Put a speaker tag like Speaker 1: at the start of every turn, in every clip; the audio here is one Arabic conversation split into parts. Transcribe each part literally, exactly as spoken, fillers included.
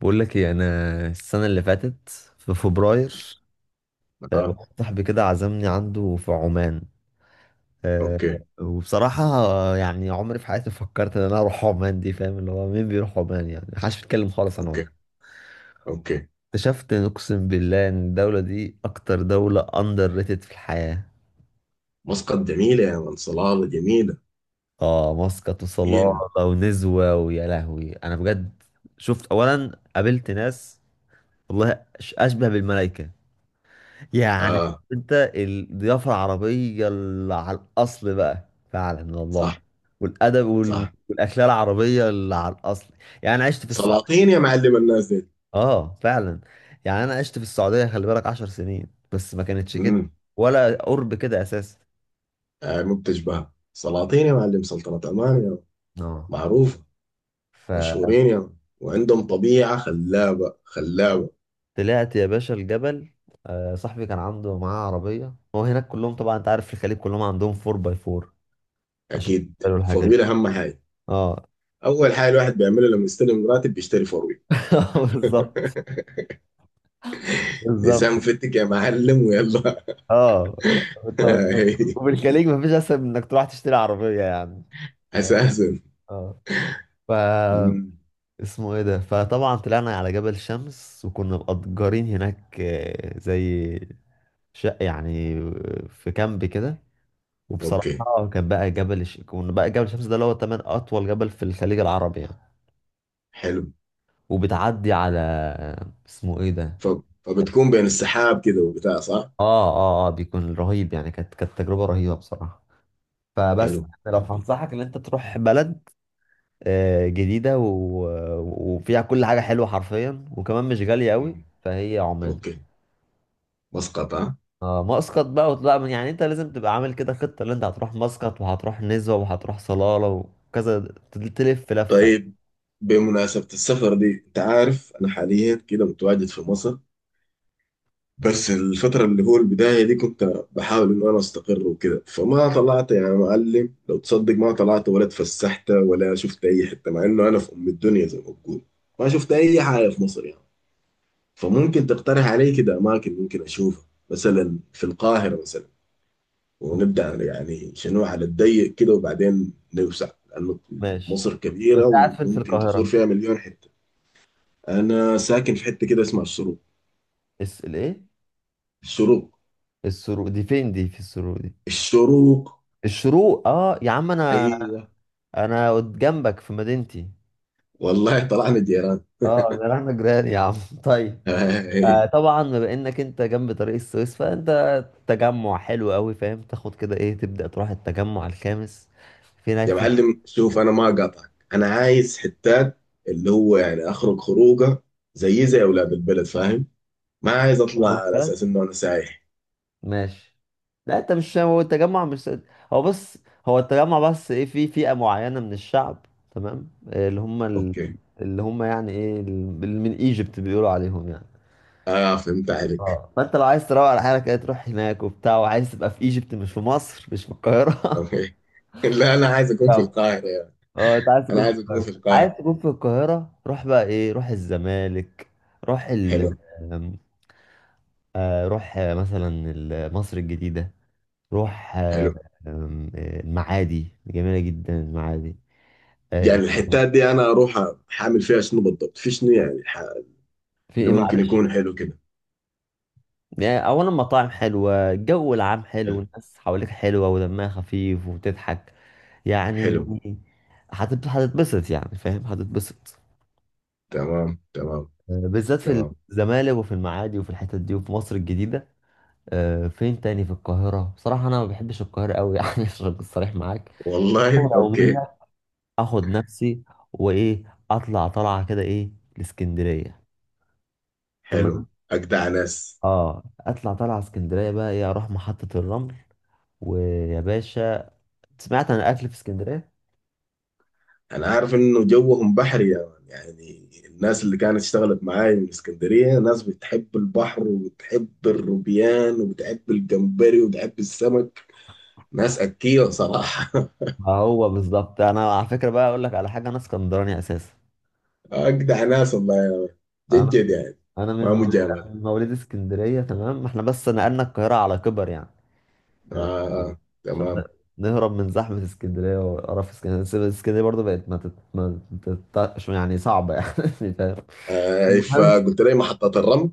Speaker 1: بقول لك ايه، انا السنه اللي فاتت في فبراير. آه،
Speaker 2: اه،
Speaker 1: واحد صاحبي كده عزمني عنده في عمان. آه،
Speaker 2: اوكي،
Speaker 1: وبصراحه، آه، يعني عمري في حياتي ما فكرت ان انا اروح عمان دي، فاهم؟ اللي هو مين بيروح عمان؟ يعني محدش بيتكلم خالص عن
Speaker 2: اوكي،
Speaker 1: عمان.
Speaker 2: اوكي.
Speaker 1: اكتشفت إن، اقسم بالله، ان الدوله دي اكتر دوله اندر ريتد في الحياه.
Speaker 2: مسقط جميلة يا من، صلالة جميلة
Speaker 1: اه، مسقط وصلالة
Speaker 2: جميلة.
Speaker 1: ونزوة، ويا لهوي انا بجد شفت، اولا قابلت ناس، والله، أش- اشبه بالملائكه، يعني،
Speaker 2: اه،
Speaker 1: انت الضيافة العربية اللي على الأصل بقى، فعلا والله،
Speaker 2: صح،
Speaker 1: والأدب وال-
Speaker 2: صح.
Speaker 1: والأكلة العربية اللي على الأصل. يعني أنا عشت في السعودية.
Speaker 2: سلاطين يا معلم الناس دي.
Speaker 1: آه فعلا. يعني أنا عشت في السعودية، خلي بالك، عشر سنين، بس ما كانتش كده،
Speaker 2: امم.
Speaker 1: ولا قرب كده أساسا.
Speaker 2: آه، مو بتشبهها سلاطين يا معلم، سلطنة عمان يا من.
Speaker 1: آه.
Speaker 2: معروفة.
Speaker 1: فطلعت
Speaker 2: مشهورين يا من. وعندهم طبيعة خلابة خلابة.
Speaker 1: يا باشا الجبل. آه، صاحبي كان عنده معاه عربية هو هناك، كلهم طبعا، أنت عارف، في الخليج كلهم عندهم أربعة باي أربعة عشان
Speaker 2: اكيد.
Speaker 1: يشتروا الحاجات دي.
Speaker 2: فرويل اهم حاجة.
Speaker 1: آه.
Speaker 2: اول حاجة الواحد بيعملها لما يستلم راتب بيشتري فرويل.
Speaker 1: بالظبط. بالظبط.
Speaker 2: لسان فتك يا معلم، ويلا.
Speaker 1: اه. انت انت وفي الخليج مفيش اسهل من انك تروح تشتري عربيه يعني.
Speaker 2: اساسا.
Speaker 1: اه. ف
Speaker 2: مم.
Speaker 1: اسمه ايه ده؟ فطبعا طلعنا على جبل شمس، وكنا مأجرين هناك، آه، زي شقه يعني، في كامب كده.
Speaker 2: اوكي،
Speaker 1: وبصراحه كان بقى، جبل ش... كنا بقى جبل شمس ده، اللي هو تمن اطول جبل في الخليج العربي يعني.
Speaker 2: حلو.
Speaker 1: وبتعدي على، اسمه ايه ده؟
Speaker 2: ف... فبتكون بين السحاب كده وبتاع، صح؟
Speaker 1: اه اه اه، بيكون رهيب يعني. كانت كانت تجربه رهيبه بصراحه. فبس
Speaker 2: حلو،
Speaker 1: يعني لو
Speaker 2: حلو.
Speaker 1: هنصحك ان انت تروح بلد، آه، جديدة و... وفيها كل حاجة حلوة حرفيا، وكمان مش غالية قوي،
Speaker 2: مم.
Speaker 1: فهي عمان.
Speaker 2: اوكي. مسقط، ها.
Speaker 1: آه، مسقط بقى، وتبقى من، يعني انت لازم تبقى عامل كده خطة، اللي انت هتروح مسقط، وهتروح نزوة، وهتروح صلالة، وكذا، ت- تلف لفة يعني.
Speaker 2: طيب، بمناسبة السفر دي، انت عارف انا حاليا كده متواجد في مصر. بس الفترة اللي هو البداية دي كنت بحاول انه انا استقر وكده، فما طلعت يا معلم، لو تصدق ما طلعت ولا اتفسحت ولا شفت اي حتة، مع انه انا في ام الدنيا زي ما بقول. ما شفت اي حاجة في مصر يعني. فممكن تقترح علي كده اماكن ممكن اشوفها، مثلا في القاهرة مثلا،
Speaker 1: أوكي.
Speaker 2: ونبدأ يعني شنو على الضيق كده، وبعدين نوسع، لأنه
Speaker 1: ماشي.
Speaker 2: مصر
Speaker 1: طب
Speaker 2: كبيرة
Speaker 1: انت قاعد فين في
Speaker 2: وممكن تزور
Speaker 1: القاهرة؟
Speaker 2: فيها مليون حتة. أنا ساكن في حتة كده اسمها الشروق.
Speaker 1: الس... الايه؟
Speaker 2: الشروق.
Speaker 1: السروق دي فين؟ دي في السروق دي؟
Speaker 2: الشروق.
Speaker 1: الشروق، اه يا عم، انا،
Speaker 2: أيوة.
Speaker 1: انا قد- جنبك في مدينتي.
Speaker 2: والله طلعنا جيران.
Speaker 1: اه، ده انا جيران يا عم. طيب. آه طبعا بما انك انت جنب طريق السويس، فانت تجمع حلو قوي، فاهم؟ تاخد كده ايه، تبدا تروح التجمع الخامس في هناك
Speaker 2: يا
Speaker 1: في
Speaker 2: معلم، شوف، أنا ما قاطعك، أنا عايز حتات، اللي هو يعني أخرج خروجة زي زي أولاد البلد، فاهم. ما عايز أطلع
Speaker 1: هذا
Speaker 2: على أساس
Speaker 1: البلد.
Speaker 2: إنه أنا سايح.
Speaker 1: ماشي. لا انت مش، هو التجمع مش، هو، بص، هو التجمع بس ايه، في فئه معينه من الشعب، تمام؟ آه، اللي هم ال...
Speaker 2: أوكي.
Speaker 1: اللي هم يعني ايه، ال- اللي من ايجيبت بيقولوا عليهم يعني.
Speaker 2: آه، فهمت عليك.
Speaker 1: اه، فانت لو عايز تروق على حالك، ايه، تروح هناك وبتاع، وعايز تبقى في ايجيبت، مش في مصر، مش في القاهره.
Speaker 2: أوكي. لا، أنا عايز أكون في القاهرة يا.
Speaker 1: اه، انت عايز
Speaker 2: أنا
Speaker 1: تكون في
Speaker 2: عايز أكون في
Speaker 1: القاهرة؟ عايز
Speaker 2: القاهرة.
Speaker 1: تكون في القاهرة، روح بقى ايه، روح الزمالك، روح ال
Speaker 2: حلو.
Speaker 1: آم، آه، روح آه، مثلا ال- مصر الجديدة، روح آه،
Speaker 2: حلو.
Speaker 1: آم، آه، المعادي، جميلة جدا المعادي. آه، ايه
Speaker 2: يعني
Speaker 1: تاني؟
Speaker 2: الحتات دي انا اروح حامل فيها شنو بالضبط، في شنو يعني ح...
Speaker 1: في
Speaker 2: اللي
Speaker 1: ايه
Speaker 2: ممكن
Speaker 1: معلش،
Speaker 2: يكون حلو كده.
Speaker 1: يعني اولا مطاعم حلوة، الجو العام حلو،
Speaker 2: حلو.
Speaker 1: الناس حواليك حلوة ودمها خفيف وبتضحك يعني.
Speaker 2: حلو.
Speaker 1: هتت- هتتبسط يعني، فاهم؟ هتتبسط،
Speaker 2: تمام، تمام،
Speaker 1: آه، بالذات في
Speaker 2: تمام.
Speaker 1: الزمالك، وفي المعادي، وفي الحتت دي، وفي مصر الجديدة. آه، فين تاني في القاهرة؟ بصراحة أنا ما بحبش القاهرة أوي، يعني عشان أكون صريح معاك. أنا
Speaker 2: والله.
Speaker 1: لو
Speaker 2: اوكي.
Speaker 1: منك، أخد نفسي وإيه، أطلع طلعة كده، إيه، الإسكندرية.
Speaker 2: حلو،
Speaker 1: تمام.
Speaker 2: اجدع ناس.
Speaker 1: آه، أطلع طلعة اسكندرية بقى، إيه، أروح محطة الرمل. ويا باشا، سمعت عن الأكل في اسكندرية؟
Speaker 2: انا عارف انه جوهم بحري يا مان. يعني الناس اللي كانت اشتغلت معايا من اسكندريه، ناس بتحب البحر وبتحب الروبيان وبتحب الجمبري وبتحب السمك. ناس اكيه صراحه.
Speaker 1: ما هو بالظبط. أنا على فكرة بقى أقول لك على حاجة، أنا اسكندراني أساسا.
Speaker 2: اجدع ناس والله. جد
Speaker 1: أنا
Speaker 2: جد يعني.
Speaker 1: أنا من
Speaker 2: ما
Speaker 1: موليد أنا
Speaker 2: مجامله.
Speaker 1: من موليد اسكندرية، تمام؟ إحنا بس نقلنا القاهرة على كبر يعني،
Speaker 2: آه،
Speaker 1: آه،
Speaker 2: آه.
Speaker 1: عشان
Speaker 2: تمام.
Speaker 1: نهرب من زحمة اسكندرية وقرف اسكندرية. بس اسكندرية برضه بقت ما تت... ما تتطقش يعني، صعبة يعني، فاهم؟
Speaker 2: آه،
Speaker 1: المهم،
Speaker 2: فقلت لي محطة الرمل.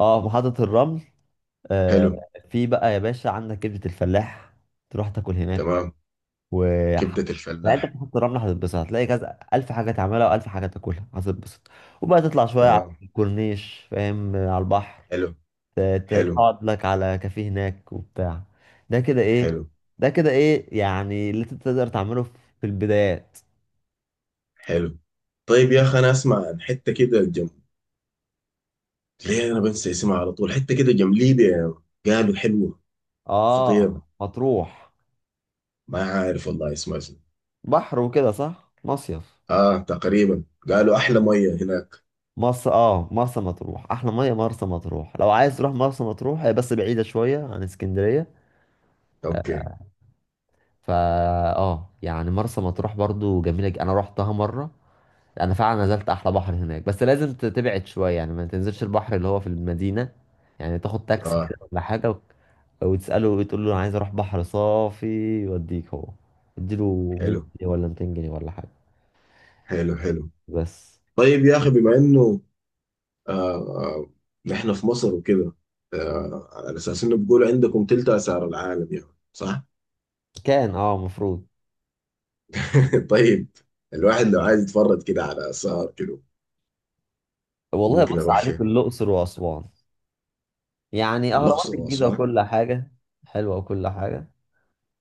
Speaker 1: اه، محطة الرمل.
Speaker 2: حلو.
Speaker 1: آه، في بقى يا باشا عندك كبدة الفلاح، تروح تاكل هناك.
Speaker 2: تمام.
Speaker 1: و،
Speaker 2: كبدة
Speaker 1: لا، انت
Speaker 2: الفلاح.
Speaker 1: في محطة الرمل هتتبسط، هتلاقي كذا ألف حاجة تعملها وألف حاجة تاكلها، هتتبسط. وبقى تطلع شوية على
Speaker 2: تمام.
Speaker 1: الكورنيش، فاهم، على البحر.
Speaker 2: حلو.
Speaker 1: ت- ت-
Speaker 2: حلو.
Speaker 1: تقعد لك على كافيه هناك وبتاع. ده كده ايه،
Speaker 2: حلو.
Speaker 1: ده كده ايه يعني اللي انت تقدر تعمله في البدايات.
Speaker 2: حلو. طيب يا أخي، أنا أسمع عن حتة كده جنب، ليه أنا بنسى اسمها على طول، حتة كده جنب ليبيا يعني. قالوا حلوة، خطيرة.
Speaker 1: اه، مطروح،
Speaker 2: ما عارف والله اسمها شنو.
Speaker 1: بحر وكده صح؟ مصيف.
Speaker 2: آه، تقريبا قالوا أحلى
Speaker 1: آه.
Speaker 2: مية هناك.
Speaker 1: مرسى، اه، مرسى مطروح، احلى ميه مرسى مطروح. لو عايز تروح مرسى مطروح، هي بس بعيده شويه عن اسكندريه.
Speaker 2: أوكي.
Speaker 1: فا اه، يعني مرسى مطروح برضو جميله، ج- انا روحتها مره، انا فعلا نزلت احلى بحر هناك. بس لازم ت- تبعد شويه يعني، ما تنزلش البحر اللي هو في المدينه يعني. تاخد تاكسي
Speaker 2: آه،
Speaker 1: كده ولا حاجه، و... وتساله وتقول له انا عايز اروح بحر صافي، يوديك هو، اديله 100
Speaker 2: حلو،
Speaker 1: جنيه ولا مئتين جنيه ولا حاجه.
Speaker 2: حلو، حلو.
Speaker 1: بس.
Speaker 2: طيب يا أخي، بما إنه آه آه، نحن في مصر وكده، آه على أساس إنه بيقولوا عندكم تلت آثار العالم يعني، صح؟
Speaker 1: كان اه، المفروض،
Speaker 2: طيب. الواحد لو عايز يتفرج كده على آثار كده،
Speaker 1: والله
Speaker 2: ممكن
Speaker 1: بص،
Speaker 2: أروح
Speaker 1: عليك
Speaker 2: فين؟
Speaker 1: الاقصر واسوان، يعني اهرامات
Speaker 2: الأقصر
Speaker 1: الجيزه
Speaker 2: وأسوان.
Speaker 1: وكل حاجه حلوه وكل حاجه.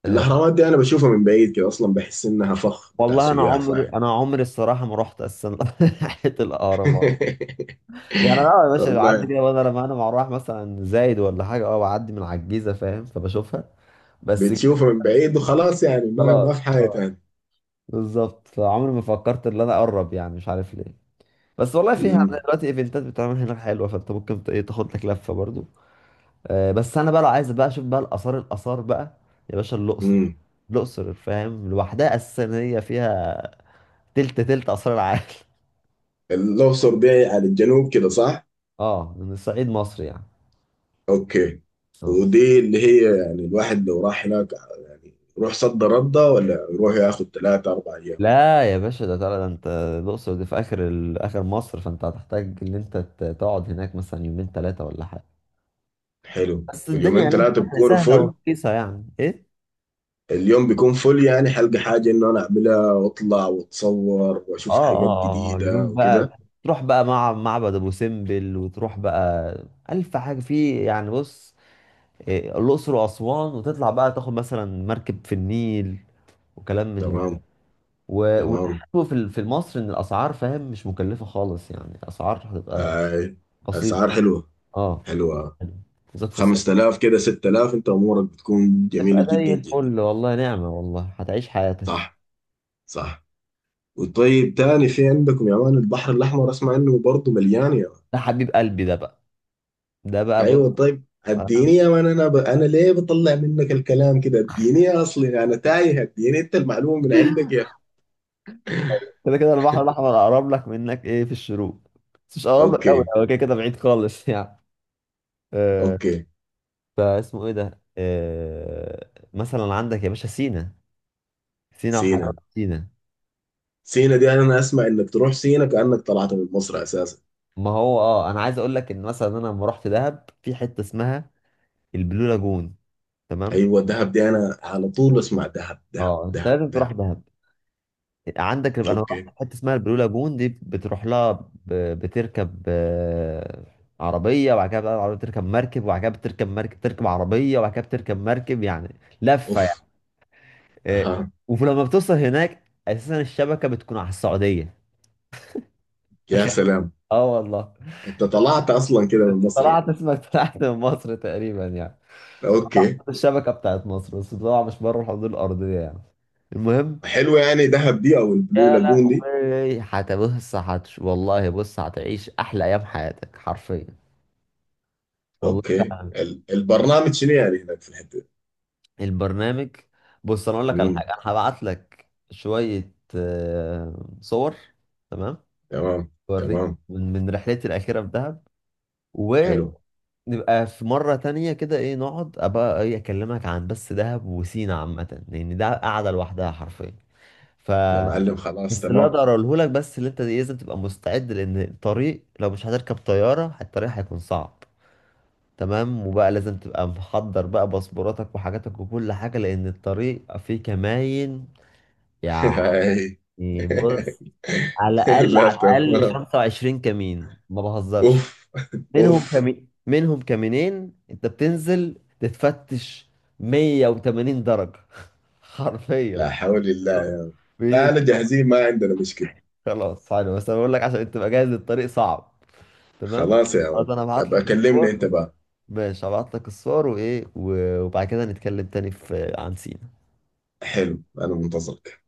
Speaker 1: أه.
Speaker 2: الأهرامات دي أنا بشوفها من بعيد كده أصلا، بحس إنها فخ بتاع
Speaker 1: والله انا
Speaker 2: سياح،
Speaker 1: عمري
Speaker 2: فاهم.
Speaker 1: انا عمري الصراحه ما رحت اصلا ناحيه الاهرامات يعني. انا آه يا باشا بعدي
Speaker 2: والله.
Speaker 1: كده، وانا لما انا مع، رايح مثلا زايد ولا حاجه، اه بعدي من على الجيزه، فاهم، فبشوفها بس كده.
Speaker 2: بتشوفها من بعيد وخلاص يعني، ما
Speaker 1: خلاص.
Speaker 2: ما في حاجة
Speaker 1: اه،
Speaker 2: تاني.
Speaker 1: بالظبط. فعمري ما فكرت ان انا اقرب، يعني مش عارف ليه. بس والله فيها
Speaker 2: امم.
Speaker 1: دلوقتي ايفنتات بتتعمل هناك حلوه، فانت ممكن ت- ايه، تاخد لك لفه برضو. آه. بس انا بقى لو عايز بقى اشوف بقى الاثار، الاثار بقى يا باشا الاقصر.
Speaker 2: امم.
Speaker 1: الاقصر، فاهم، لوحدها اساسا هي فيها تلت تلت اثار العالم.
Speaker 2: الأقصر دي على الجنوب كده، صح؟
Speaker 1: اه، من صعيد مصر يعني.
Speaker 2: أوكي.
Speaker 1: اه.
Speaker 2: ودي اللي هي يعني الواحد لو راح هناك، يعني يروح صد ردة ولا يروح ياخد ثلاثة أربع أيام؟
Speaker 1: لا يا باشا، ده طلع، ده انت الاقصر دي في اخر ال- اخر مصر، فانت هتحتاج ان انت ت- تقعد هناك مثلا يومين ثلاثه ولا حاجه.
Speaker 2: حلو.
Speaker 1: بس الدنيا
Speaker 2: واليومين
Speaker 1: هناك
Speaker 2: ثلاثة
Speaker 1: سهله،
Speaker 2: بيكونوا
Speaker 1: سهلة
Speaker 2: فل.
Speaker 1: ورخيصه يعني، ايه.
Speaker 2: اليوم بيكون فل، يعني حلقة حاجة إنه أنا أعملها وأطلع وأتصور
Speaker 1: اه
Speaker 2: وأشوف حاجات
Speaker 1: اه اه،
Speaker 2: جديدة
Speaker 1: اليوم بقى
Speaker 2: وكده.
Speaker 1: تروح بقى مع معبد ابو سمبل، وتروح بقى الف حاجه في، يعني بص، إيه، الاقصر واسوان، وتطلع بقى تاخد مثلا مركب في النيل وكلام من
Speaker 2: تمام،
Speaker 1: ده. و-
Speaker 2: تمام.
Speaker 1: والحلو في ال- في مصر ان الاسعار، فاهم، مش مكلفه خالص يعني، اسعار هتبقى
Speaker 2: آي. أسعار
Speaker 1: بسيطه.
Speaker 2: حلوة.
Speaker 1: اه،
Speaker 2: حلوة
Speaker 1: بالذات في الصيف،
Speaker 2: خمس تلاف كده ست تلاف، أنت أمورك بتكون
Speaker 1: تبقى
Speaker 2: جميلة جدا
Speaker 1: زي
Speaker 2: جدا.
Speaker 1: الفل، والله نعمة، والله هتعيش حياتك.
Speaker 2: صح، صح. وطيب، تاني في عندكم يا مان البحر الأحمر، أسمع إنه برضه مليان يا مان.
Speaker 1: ده حبيب قلبي ده بقى، ده بقى بص،
Speaker 2: أيوة. طيب اديني يا
Speaker 1: أنا-
Speaker 2: مان، أنا ب... أنا ليه بطلع منك الكلام كده؟ اديني، أصلي أنا تايه، اديني أنت المعلومة من عندك يا أخي.
Speaker 1: كده كده البحر الأحمر أقرب لك منك، إيه، في الشروق، بس مش أقرب لك أوي،
Speaker 2: أوكي.
Speaker 1: هو كده كده بعيد خالص يعني. آه،
Speaker 2: أوكي.
Speaker 1: فاسمه إيه ده، آه، مثلا عندك يا باشا سينا، سينا وحلاوة
Speaker 2: سينا.
Speaker 1: سينا.
Speaker 2: سينا دي انا اسمع انك تروح سينا كانك طلعت من مصر اساسا.
Speaker 1: ما هو أه، أنا عايز أقول لك إن مثلا أنا لما رحت دهب، في حتة اسمها البلو لاجون، تمام؟
Speaker 2: ايوه، دهب دي انا على طول اسمع دهب، دهب،
Speaker 1: أه، أنت
Speaker 2: دهب،
Speaker 1: لازم تروح
Speaker 2: دهب.
Speaker 1: دهب. عندك يبقى، انا رحت
Speaker 2: اوكي.
Speaker 1: في حته اسمها البلو لاجون دي، بتروح لها، ب... بتركب، آه، عربيه، وبعد كده بقى العربيه بتركب مركب، وبعد كده بتركب مركب، تركب عربيه، وبعد كده بتركب مركب، يعني لفه يعني.
Speaker 2: اوف.
Speaker 1: آه،
Speaker 2: اها.
Speaker 1: ولما بتوصل هناك، اساسا الشبكه بتكون على السعوديه.
Speaker 2: يا سلام.
Speaker 1: اه والله.
Speaker 2: انت طلعت اصلا كده من مصر
Speaker 1: طلعت
Speaker 2: يعني.
Speaker 1: اسمك، طلعت من مصر تقريبا يعني،
Speaker 2: اوكي.
Speaker 1: الشبكه بتاعت مصر، بس طبعا مش بره الحدود الارضيه يعني. المهم،
Speaker 2: حلو، يعني دهب دي او البلو
Speaker 1: يا
Speaker 2: لاجون دي.
Speaker 1: لهوي، هتبص، هتش، والله بص، هتعيش احلى ايام حياتك حرفيا، والله
Speaker 2: اوكي،
Speaker 1: فعلا.
Speaker 2: ال- البرنامج شنو يعني هناك في الحته دي؟
Speaker 1: البرنامج، بص انا اقول لك على
Speaker 2: امم.
Speaker 1: حاجه، انا هبعت لك شويه، آه، صور، تمام؟
Speaker 2: تمام،
Speaker 1: اوريك
Speaker 2: تمام.
Speaker 1: من من رحلتي الاخيره في دهب،
Speaker 2: حلو.
Speaker 1: ونبقى في مره تانية كده ايه، نقعد ابقى ايه، اكلمك عن بس دهب وسينا عامه، لان ده قاعده لوحدها حرفيا. ف
Speaker 2: يا معلم، خلاص،
Speaker 1: بس اللي
Speaker 2: تمام.
Speaker 1: اقدر اقوله لك، بس اللي انت لازم تبقى مستعد، لان الطريق، لو مش هتركب طياره، الطريق هيكون صعب، تمام؟ وبقى لازم تبقى محضر بقى باسبوراتك وحاجاتك وكل حاجة، لأن الطريق فيه كماين يعني.
Speaker 2: هاي.
Speaker 1: بص، على الأقل،
Speaker 2: لا،
Speaker 1: على الأقل
Speaker 2: تمام.
Speaker 1: 25 كمين، ما بهزرش.
Speaker 2: اوف.
Speaker 1: منهم
Speaker 2: اوف.
Speaker 1: كمين، منهم كمينين أنت بتنزل تتفتش 180 درجة، حرفيا.
Speaker 2: لا حول الله. لا،
Speaker 1: بي-
Speaker 2: أنا جاهزين، ما عندنا مشكلة.
Speaker 1: خلاص، حلو. بس أنا بقول لك عشان أنت تبقى جاهز، الطريق صعب، تمام؟
Speaker 2: خلاص يا
Speaker 1: خلاص،
Speaker 2: ولد،
Speaker 1: أنا هبعت لك
Speaker 2: أبقى كلمني
Speaker 1: الصور.
Speaker 2: أنت بقى.
Speaker 1: ماشي، هبعت لك الصور وإيه، و- وبعد كده نتكلم تاني في عن سينا.
Speaker 2: حلو، أنا منتظرك.